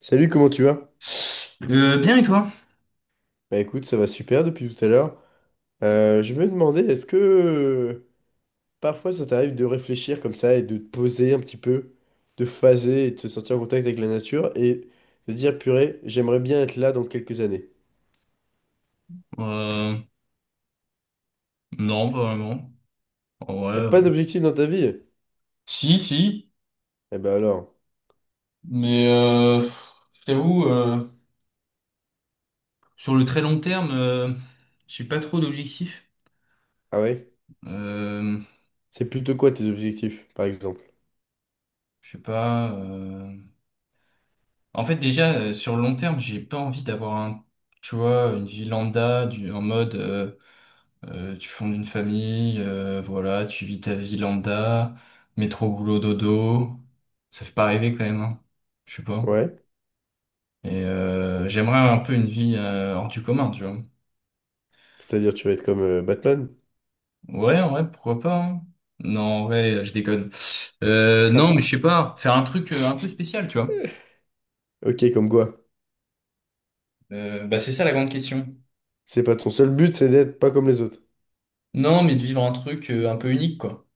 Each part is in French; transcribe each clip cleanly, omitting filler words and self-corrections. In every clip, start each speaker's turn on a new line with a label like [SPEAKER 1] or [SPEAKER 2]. [SPEAKER 1] Salut, comment tu vas?
[SPEAKER 2] Bien et toi?
[SPEAKER 1] Bah écoute, ça va super depuis tout à l'heure. Je me demandais, est-ce que parfois ça t'arrive de réfléchir comme ça et de te poser un petit peu, de phaser et de te sentir en contact avec la nature et de dire, purée, j'aimerais bien être là dans quelques années.
[SPEAKER 2] Euh, non, pas vraiment. En vrai,
[SPEAKER 1] T'as pas d'objectif dans ta vie?
[SPEAKER 2] si, si,
[SPEAKER 1] Eh ben alors,
[SPEAKER 2] mais je t'avoue, sur le très long terme, j'ai pas trop d'objectifs.
[SPEAKER 1] ah ouais?
[SPEAKER 2] Euh,
[SPEAKER 1] C'est plutôt quoi tes objectifs, par exemple?
[SPEAKER 2] je sais pas. En fait, déjà, sur le long terme, j'ai pas envie d'avoir un, tu vois, une vie lambda, du, en mode, tu fondes une famille, voilà, tu vis ta vie lambda, métro, boulot, dodo. Ça fait pas rêver quand même, hein. Je sais pas.
[SPEAKER 1] Ouais?
[SPEAKER 2] Et j'aimerais un peu une vie hors du commun, tu vois.
[SPEAKER 1] C'est-à-dire tu vas être comme Batman?
[SPEAKER 2] Ouais, ouais, pourquoi pas, hein. Non, en vrai, je déconne. Non, mais je sais pas, faire un truc un peu spécial, tu vois.
[SPEAKER 1] Ok, comme quoi?
[SPEAKER 2] Bah c'est ça la grande question.
[SPEAKER 1] C'est pas ton seul but, c'est d'être pas comme les autres.
[SPEAKER 2] Non, mais de vivre un truc un peu unique, quoi.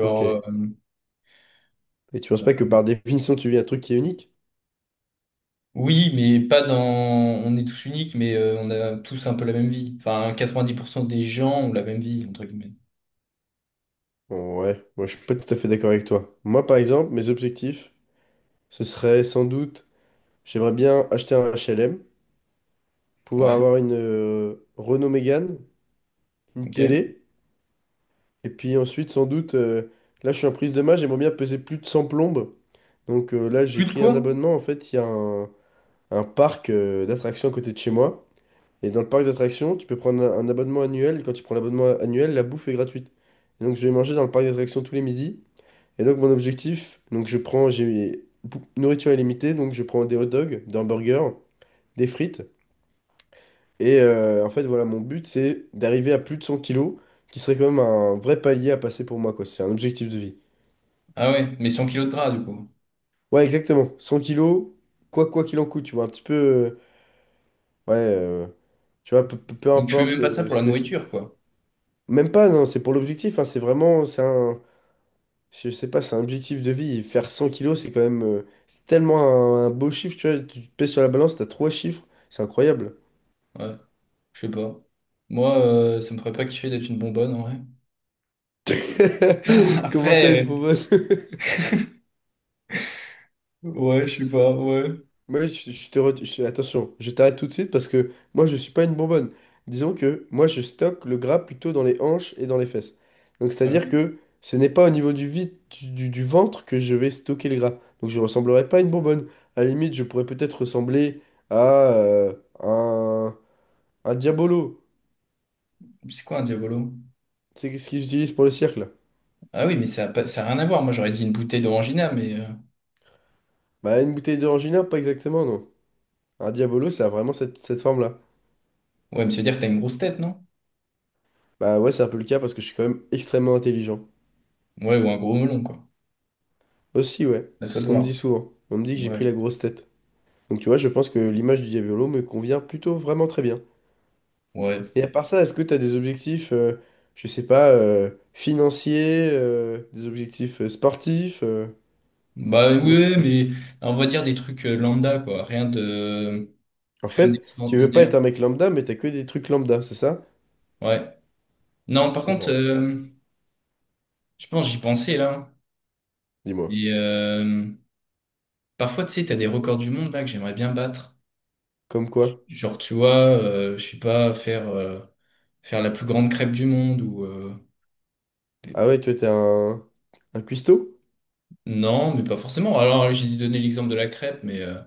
[SPEAKER 1] Ok. Et tu penses pas que par définition, tu vis un truc qui est unique?
[SPEAKER 2] oui, mais pas dans... On est tous uniques, mais on a tous un peu la même vie. Enfin, 90% des gens ont la même vie, entre guillemets.
[SPEAKER 1] Ouais, moi je suis pas tout à fait d'accord avec toi. Moi par exemple, mes objectifs, ce serait sans doute, j'aimerais bien acheter un HLM, pouvoir
[SPEAKER 2] Ouais,
[SPEAKER 1] avoir une Renault Mégane, une
[SPEAKER 2] ok.
[SPEAKER 1] télé, et puis ensuite sans doute, là je suis en prise de main, j'aimerais bien peser plus de 100 plombes. Donc là j'ai
[SPEAKER 2] Plus de
[SPEAKER 1] pris un
[SPEAKER 2] quoi?
[SPEAKER 1] abonnement, en fait il y a un parc d'attractions à côté de chez moi. Et dans le parc d'attractions, tu peux prendre un abonnement annuel, et quand tu prends l'abonnement annuel, la bouffe est gratuite. Et donc je vais manger dans le parc d'attractions tous les midis. Et donc, mon objectif, donc je prends, nourriture illimitée, donc je prends des hot dogs, des hamburgers, des frites. Et en fait, voilà, mon but, c'est d'arriver à plus de 100 kilos, qui serait quand même un vrai palier à passer pour moi, quoi. C'est un objectif de vie.
[SPEAKER 2] Ah ouais, mais 100 kilos de gras, du coup.
[SPEAKER 1] Ouais, exactement. 100 kilos, quoi qu'il en coûte, tu vois, un petit peu. Ouais, tu vois, peu
[SPEAKER 2] Donc tu fais même
[SPEAKER 1] importe
[SPEAKER 2] pas ça pour
[SPEAKER 1] ce
[SPEAKER 2] la
[SPEAKER 1] que c'est.
[SPEAKER 2] nourriture, quoi.
[SPEAKER 1] Même pas, non, c'est pour l'objectif, hein, c'est vraiment, c'est un, je sais pas, c'est un objectif de vie. Faire 100 kilos, c'est quand même c'est tellement un beau chiffre, tu vois. Tu te pèses sur la balance, t'as trois chiffres, c'est incroyable.
[SPEAKER 2] Ouais, je sais pas. Moi, ça me ferait pas kiffer d'être une bonbonne, en vrai.
[SPEAKER 1] Comment ça,
[SPEAKER 2] Après,
[SPEAKER 1] une bonbonne?
[SPEAKER 2] ouais, je sais pas, ouais.
[SPEAKER 1] Moi, je te re- je- attention, je t'arrête tout de suite parce que moi, je suis pas une bonbonne. Disons que moi, je stocke le gras plutôt dans les hanches et dans les fesses. Donc,
[SPEAKER 2] Euh,
[SPEAKER 1] c'est-à-dire que ce n'est pas au niveau du vide du ventre que je vais stocker le gras. Donc, je ressemblerai pas à une bonbonne. À la limite, je pourrais peut-être ressembler à un, un diabolo.
[SPEAKER 2] c'est quoi un diabolo?
[SPEAKER 1] C'est ce qu'ils utilisent pour le cirque, là?
[SPEAKER 2] Ah oui, mais ça a rien à voir. Moi, j'aurais dit une bouteille d'orangina, mais...
[SPEAKER 1] Bah, une bouteille d'orangina, pas exactement, non. Un diabolo, ça a vraiment cette forme-là.
[SPEAKER 2] Ouais, me se dire que t'as une grosse tête, non?
[SPEAKER 1] Bah ouais, c'est un peu le cas parce que je suis quand même extrêmement intelligent.
[SPEAKER 2] Ouais, ou un gros melon, quoi.
[SPEAKER 1] Aussi, ouais,
[SPEAKER 2] À
[SPEAKER 1] c'est
[SPEAKER 2] toi de
[SPEAKER 1] ce qu'on me dit
[SPEAKER 2] voir.
[SPEAKER 1] souvent. On me dit que j'ai pris
[SPEAKER 2] Ouais.
[SPEAKER 1] la grosse tête. Donc tu vois, je pense que l'image du diabolo me convient plutôt vraiment très bien.
[SPEAKER 2] Ouais.
[SPEAKER 1] Et à part ça, est-ce que t'as des objectifs, je sais pas, financiers, des objectifs sportifs.
[SPEAKER 2] Bah
[SPEAKER 1] Comment ça se
[SPEAKER 2] ouais,
[SPEAKER 1] passe?
[SPEAKER 2] mais on va dire des trucs lambda, quoi. Rien de...
[SPEAKER 1] En
[SPEAKER 2] Rien
[SPEAKER 1] fait, tu veux pas
[SPEAKER 2] d'extraordinaire.
[SPEAKER 1] être un mec lambda, mais t'as que des trucs lambda, c'est ça?
[SPEAKER 2] Ouais. Non,
[SPEAKER 1] Je
[SPEAKER 2] par contre,
[SPEAKER 1] comprends.
[SPEAKER 2] je pense, j'y pensais, là.
[SPEAKER 1] Dis-moi.
[SPEAKER 2] Et parfois, tu sais, t'as des records du monde, là, que j'aimerais bien battre.
[SPEAKER 1] Comme quoi?
[SPEAKER 2] Genre, tu vois, je sais pas, faire la plus grande crêpe du monde ou... des-
[SPEAKER 1] Ah ouais, toi, t'es un cuistot
[SPEAKER 2] Non, mais pas forcément. Alors, j'ai donné l'exemple de la crêpe, mais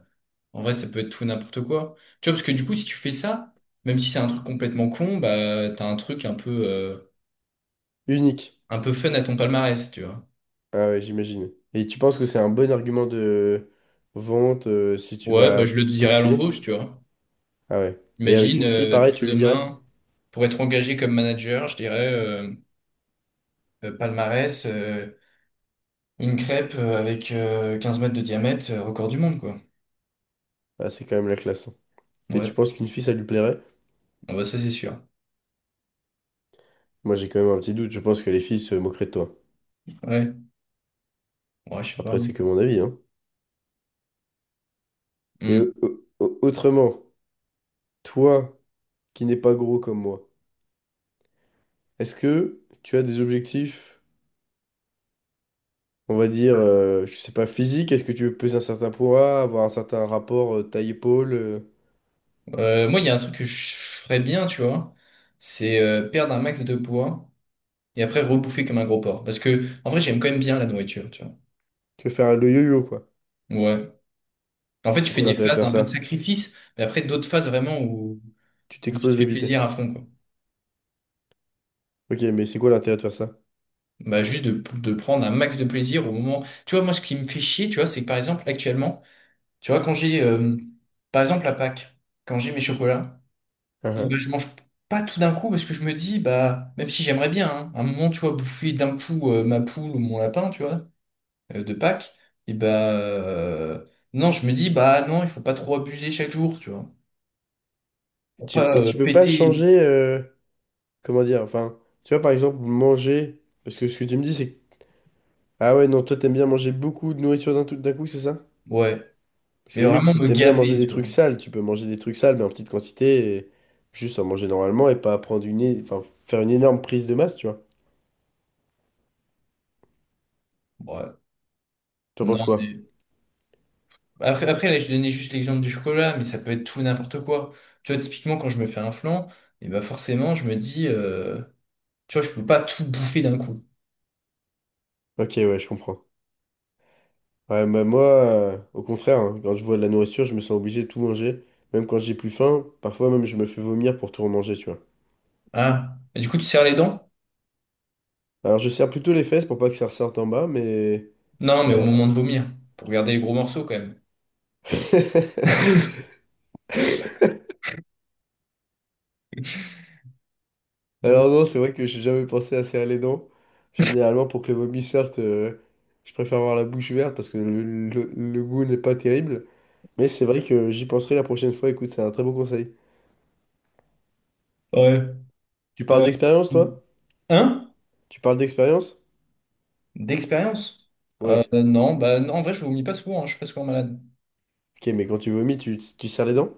[SPEAKER 2] en vrai, ça peut être tout et n'importe quoi. Tu vois, parce que du coup, si tu fais ça, même si c'est un truc complètement con, bah, t'as un truc
[SPEAKER 1] unique.
[SPEAKER 2] un peu fun à ton palmarès, tu vois.
[SPEAKER 1] Ah ouais, j'imagine. Et tu penses que c'est un bon argument de vente si tu
[SPEAKER 2] Ouais, bah,
[SPEAKER 1] vas
[SPEAKER 2] je le dirais à
[SPEAKER 1] postuler?
[SPEAKER 2] l'embauche, tu vois.
[SPEAKER 1] Ah ouais. Et avec
[SPEAKER 2] Imagine,
[SPEAKER 1] une fille,
[SPEAKER 2] tu
[SPEAKER 1] pareil, tu
[SPEAKER 2] vois,
[SPEAKER 1] lui dirais?
[SPEAKER 2] demain, pour être engagé comme manager, je dirais palmarès, une crêpe avec 15 mètres de diamètre, record du monde, quoi.
[SPEAKER 1] Ah, c'est quand même la classe, hein. Et tu
[SPEAKER 2] Ouais,
[SPEAKER 1] penses qu'une fille, ça lui plairait?
[SPEAKER 2] ah bah ça c'est sûr.
[SPEAKER 1] Moi, j'ai quand même un petit doute. Je pense que les filles se moqueraient de toi.
[SPEAKER 2] Ouais, ouais, je sais pas.
[SPEAKER 1] Après, c'est que mon avis, hein. Et
[SPEAKER 2] Hmm.
[SPEAKER 1] autrement, toi, qui n'es pas gros comme moi, est-ce que tu as des objectifs, on va dire, je sais pas, physiques? Est-ce que tu veux peser un certain poids, avoir un certain rapport taille-épaule?
[SPEAKER 2] Moi, il y a un truc que je ferais bien, tu vois, c'est perdre un max de poids et après rebouffer comme un gros porc. Parce que, en vrai, j'aime quand même bien la nourriture, tu vois.
[SPEAKER 1] Que faire le yo-yo, quoi.
[SPEAKER 2] Ouais. En
[SPEAKER 1] Et
[SPEAKER 2] fait, tu
[SPEAKER 1] c'est
[SPEAKER 2] fais
[SPEAKER 1] quoi
[SPEAKER 2] des
[SPEAKER 1] l'intérêt de
[SPEAKER 2] phases
[SPEAKER 1] faire
[SPEAKER 2] un peu de
[SPEAKER 1] ça?
[SPEAKER 2] sacrifice, mais après d'autres phases vraiment où,
[SPEAKER 1] Tu
[SPEAKER 2] où tu te
[SPEAKER 1] t'exploses
[SPEAKER 2] fais
[SPEAKER 1] le bide.
[SPEAKER 2] plaisir à fond, quoi.
[SPEAKER 1] Ok, mais c'est quoi l'intérêt de faire ça?
[SPEAKER 2] Bah, juste de prendre un max de plaisir au moment. Tu vois, moi, ce qui me fait chier, tu vois, c'est que par exemple, actuellement, tu vois, quand j'ai, par exemple, à Pâques, quand j'ai mes chocolats,
[SPEAKER 1] Hein,
[SPEAKER 2] et ben,
[SPEAKER 1] hein.
[SPEAKER 2] je mange pas tout d'un coup parce que je me dis, bah, même si j'aimerais bien, hein, à un moment, tu vois, bouffer d'un coup ma poule ou mon lapin, tu vois, de Pâques, et bah, non, je me dis, bah, non, il faut pas trop abuser chaque jour, tu vois,
[SPEAKER 1] Et
[SPEAKER 2] pour
[SPEAKER 1] tu,
[SPEAKER 2] pas
[SPEAKER 1] et tu peux pas
[SPEAKER 2] péter,
[SPEAKER 1] changer, comment dire, enfin, tu vois, par exemple, manger, parce que ce que tu me dis, c'est que, ah ouais, non, toi, t'aimes bien manger beaucoup de nourriture d'un coup, c'est ça?
[SPEAKER 2] ouais,
[SPEAKER 1] Parce
[SPEAKER 2] mais
[SPEAKER 1] que limite,
[SPEAKER 2] vraiment
[SPEAKER 1] si
[SPEAKER 2] me
[SPEAKER 1] t'aimes bien manger
[SPEAKER 2] gaver,
[SPEAKER 1] des
[SPEAKER 2] tu
[SPEAKER 1] trucs
[SPEAKER 2] vois,
[SPEAKER 1] sales, tu peux manger des trucs sales, mais en petite quantité, et juste en manger normalement et pas prendre une, enfin, faire une énorme prise de masse, tu vois.
[SPEAKER 2] ouais,
[SPEAKER 1] T'en penses
[SPEAKER 2] non,
[SPEAKER 1] quoi?
[SPEAKER 2] mais après, après là, je donnais juste l'exemple du chocolat, mais ça peut être tout et n'importe quoi, tu vois, typiquement, quand je me fais un flan, et bah, forcément, je me dis, tu vois, je peux pas tout bouffer d'un coup,
[SPEAKER 1] Ok, ouais, je comprends. Ouais, bah, moi, au contraire, hein, quand je vois de la nourriture, je me sens obligé de tout manger. Même quand j'ai plus faim, parfois même je me fais vomir pour tout remanger, tu vois.
[SPEAKER 2] hein, et du coup, tu serres les dents.
[SPEAKER 1] Alors je serre plutôt les fesses pour pas que ça ressorte en bas, mais
[SPEAKER 2] Non, mais au
[SPEAKER 1] voilà.
[SPEAKER 2] moment de vomir, pour regarder les gros morceaux quand même. Euh,
[SPEAKER 1] Alors non, c'est vrai que j'ai jamais pensé à serrer les dents. Généralement, pour que le vomi sorte, je préfère avoir la bouche ouverte parce que le goût n'est pas terrible. Mais c'est vrai que j'y penserai la prochaine fois. Écoute, c'est un très bon conseil.
[SPEAKER 2] Ouais.
[SPEAKER 1] Tu parles
[SPEAKER 2] Euh,
[SPEAKER 1] d'expérience, toi?
[SPEAKER 2] hein?
[SPEAKER 1] Tu parles d'expérience?
[SPEAKER 2] D'expérience?
[SPEAKER 1] Ouais.
[SPEAKER 2] Non, bah non, en vrai, je vomis pas souvent, hein, je suis pas souvent malade.
[SPEAKER 1] Ok, mais quand tu vomis, tu serres les dents?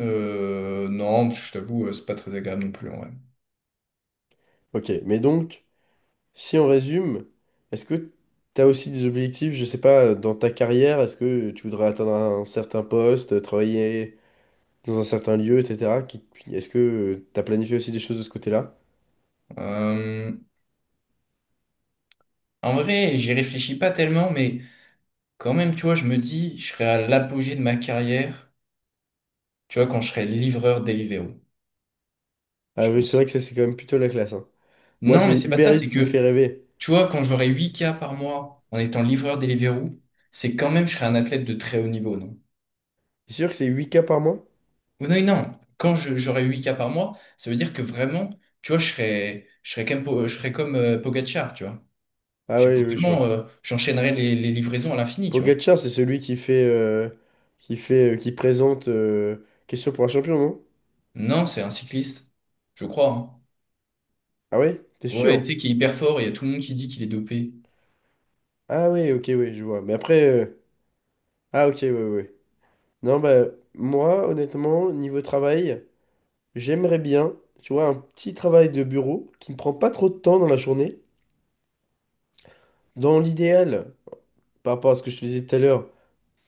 [SPEAKER 2] Non, je t'avoue, c'est pas très agréable non plus, en vrai.
[SPEAKER 1] Ok, mais donc, si on résume, est-ce que tu as aussi des objectifs, je sais pas, dans ta carrière? Est-ce que tu voudrais atteindre un certain poste, travailler dans un certain lieu, etc. Est-ce que tu as planifié aussi des choses de ce côté-là?
[SPEAKER 2] Euh, En vrai, j'y réfléchis pas tellement, mais quand même, tu vois, je me dis, je serai à l'apogée de ma carrière, tu vois, quand je serai livreur Deliveroo,
[SPEAKER 1] Ah
[SPEAKER 2] je
[SPEAKER 1] oui, c'est
[SPEAKER 2] pense.
[SPEAKER 1] vrai que ça, c'est quand même plutôt la classe, hein. Moi,
[SPEAKER 2] Non, mais
[SPEAKER 1] c'est
[SPEAKER 2] c'est pas ça,
[SPEAKER 1] Uber
[SPEAKER 2] c'est
[SPEAKER 1] Eats qui me
[SPEAKER 2] que
[SPEAKER 1] fait rêver.
[SPEAKER 2] tu vois, quand j'aurai 8K par mois en étant livreur Deliveroo, c'est quand même, je serai un athlète de très haut niveau, non?
[SPEAKER 1] C'est sûr que c'est 8K par mois?
[SPEAKER 2] Ou non, non. J'aurai huit k par mois, ça veut dire que vraiment, tu vois, je serai comme Pogacar, tu vois.
[SPEAKER 1] Ah
[SPEAKER 2] Je suis
[SPEAKER 1] oui, oui, je vois.
[SPEAKER 2] vraiment, j'enchaînerai les livraisons à l'infini, tu vois.
[SPEAKER 1] Pogacar, c'est celui qui fait, qui présente Question pour un champion, non?
[SPEAKER 2] Non, c'est un cycliste. Je crois, hein.
[SPEAKER 1] Ah oui? T'es
[SPEAKER 2] Ouais, tu
[SPEAKER 1] sûr?
[SPEAKER 2] sais, qui est hyper fort, il y a tout le monde qui dit qu'il est dopé.
[SPEAKER 1] Ah oui, ok, oui, je vois. Mais après, ah ok, oui, oui. Non, bah, moi, honnêtement, niveau travail, j'aimerais bien, tu vois, un petit travail de bureau qui ne prend pas trop de temps dans la journée. Dans l'idéal, par rapport à ce que je te disais tout à l'heure,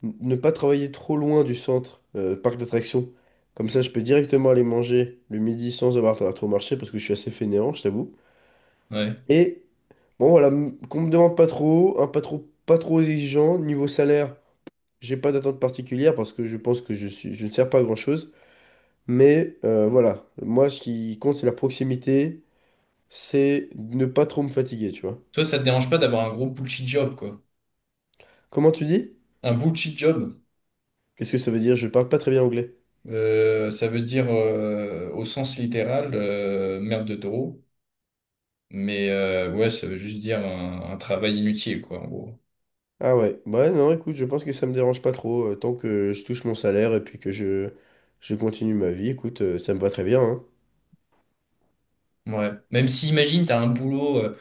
[SPEAKER 1] Ne pas travailler trop loin du centre, parc d'attractions. Comme ça, je peux directement aller manger le midi sans avoir à trop marcher parce que je suis assez fainéant, je t'avoue.
[SPEAKER 2] Ouais.
[SPEAKER 1] Et bon, voilà, qu'on me demande pas trop, pas trop exigeant. Niveau salaire, j'ai pas d'attente particulière parce que je pense que je suis, je ne sers pas à grand-chose. Mais voilà, moi, ce qui compte, c'est la proximité, c'est ne pas trop me fatiguer, tu vois.
[SPEAKER 2] Toi, ça te dérange pas d'avoir un gros bullshit job, quoi.
[SPEAKER 1] Comment tu dis?
[SPEAKER 2] Un bullshit job.
[SPEAKER 1] Qu'est-ce que ça veut dire? Je parle pas très bien anglais.
[SPEAKER 2] Ça veut dire au sens littéral merde de taureau, mais ouais, ça veut juste dire un travail inutile, quoi, en gros.
[SPEAKER 1] Ah ouais, bah ouais, non, écoute, je pense que ça me dérange pas trop, tant que je touche mon salaire et puis je continue ma vie, écoute, ça me va très bien, hein.
[SPEAKER 2] Ouais. Même si, imagine, t'as un boulot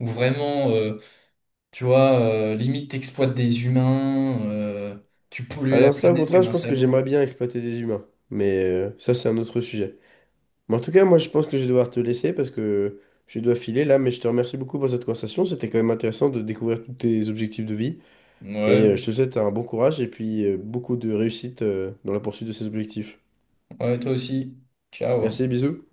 [SPEAKER 2] où vraiment, tu vois, limite t'exploites des humains, tu pollues
[SPEAKER 1] Ah
[SPEAKER 2] la
[SPEAKER 1] non, ça au
[SPEAKER 2] planète
[SPEAKER 1] contraire,
[SPEAKER 2] comme
[SPEAKER 1] je
[SPEAKER 2] un
[SPEAKER 1] pense que j'aimerais
[SPEAKER 2] salaud.
[SPEAKER 1] bien exploiter des humains, mais ça c'est un autre sujet. Mais en tout cas, moi je pense que je vais devoir te laisser parce que je dois filer là, mais je te remercie beaucoup pour cette conversation, c'était quand même intéressant de découvrir tous tes objectifs de vie, et
[SPEAKER 2] Ouais,
[SPEAKER 1] je te souhaite un bon courage et puis beaucoup de réussite dans la poursuite de ces objectifs.
[SPEAKER 2] ouais, toi aussi. Ciao.
[SPEAKER 1] Merci, bisous.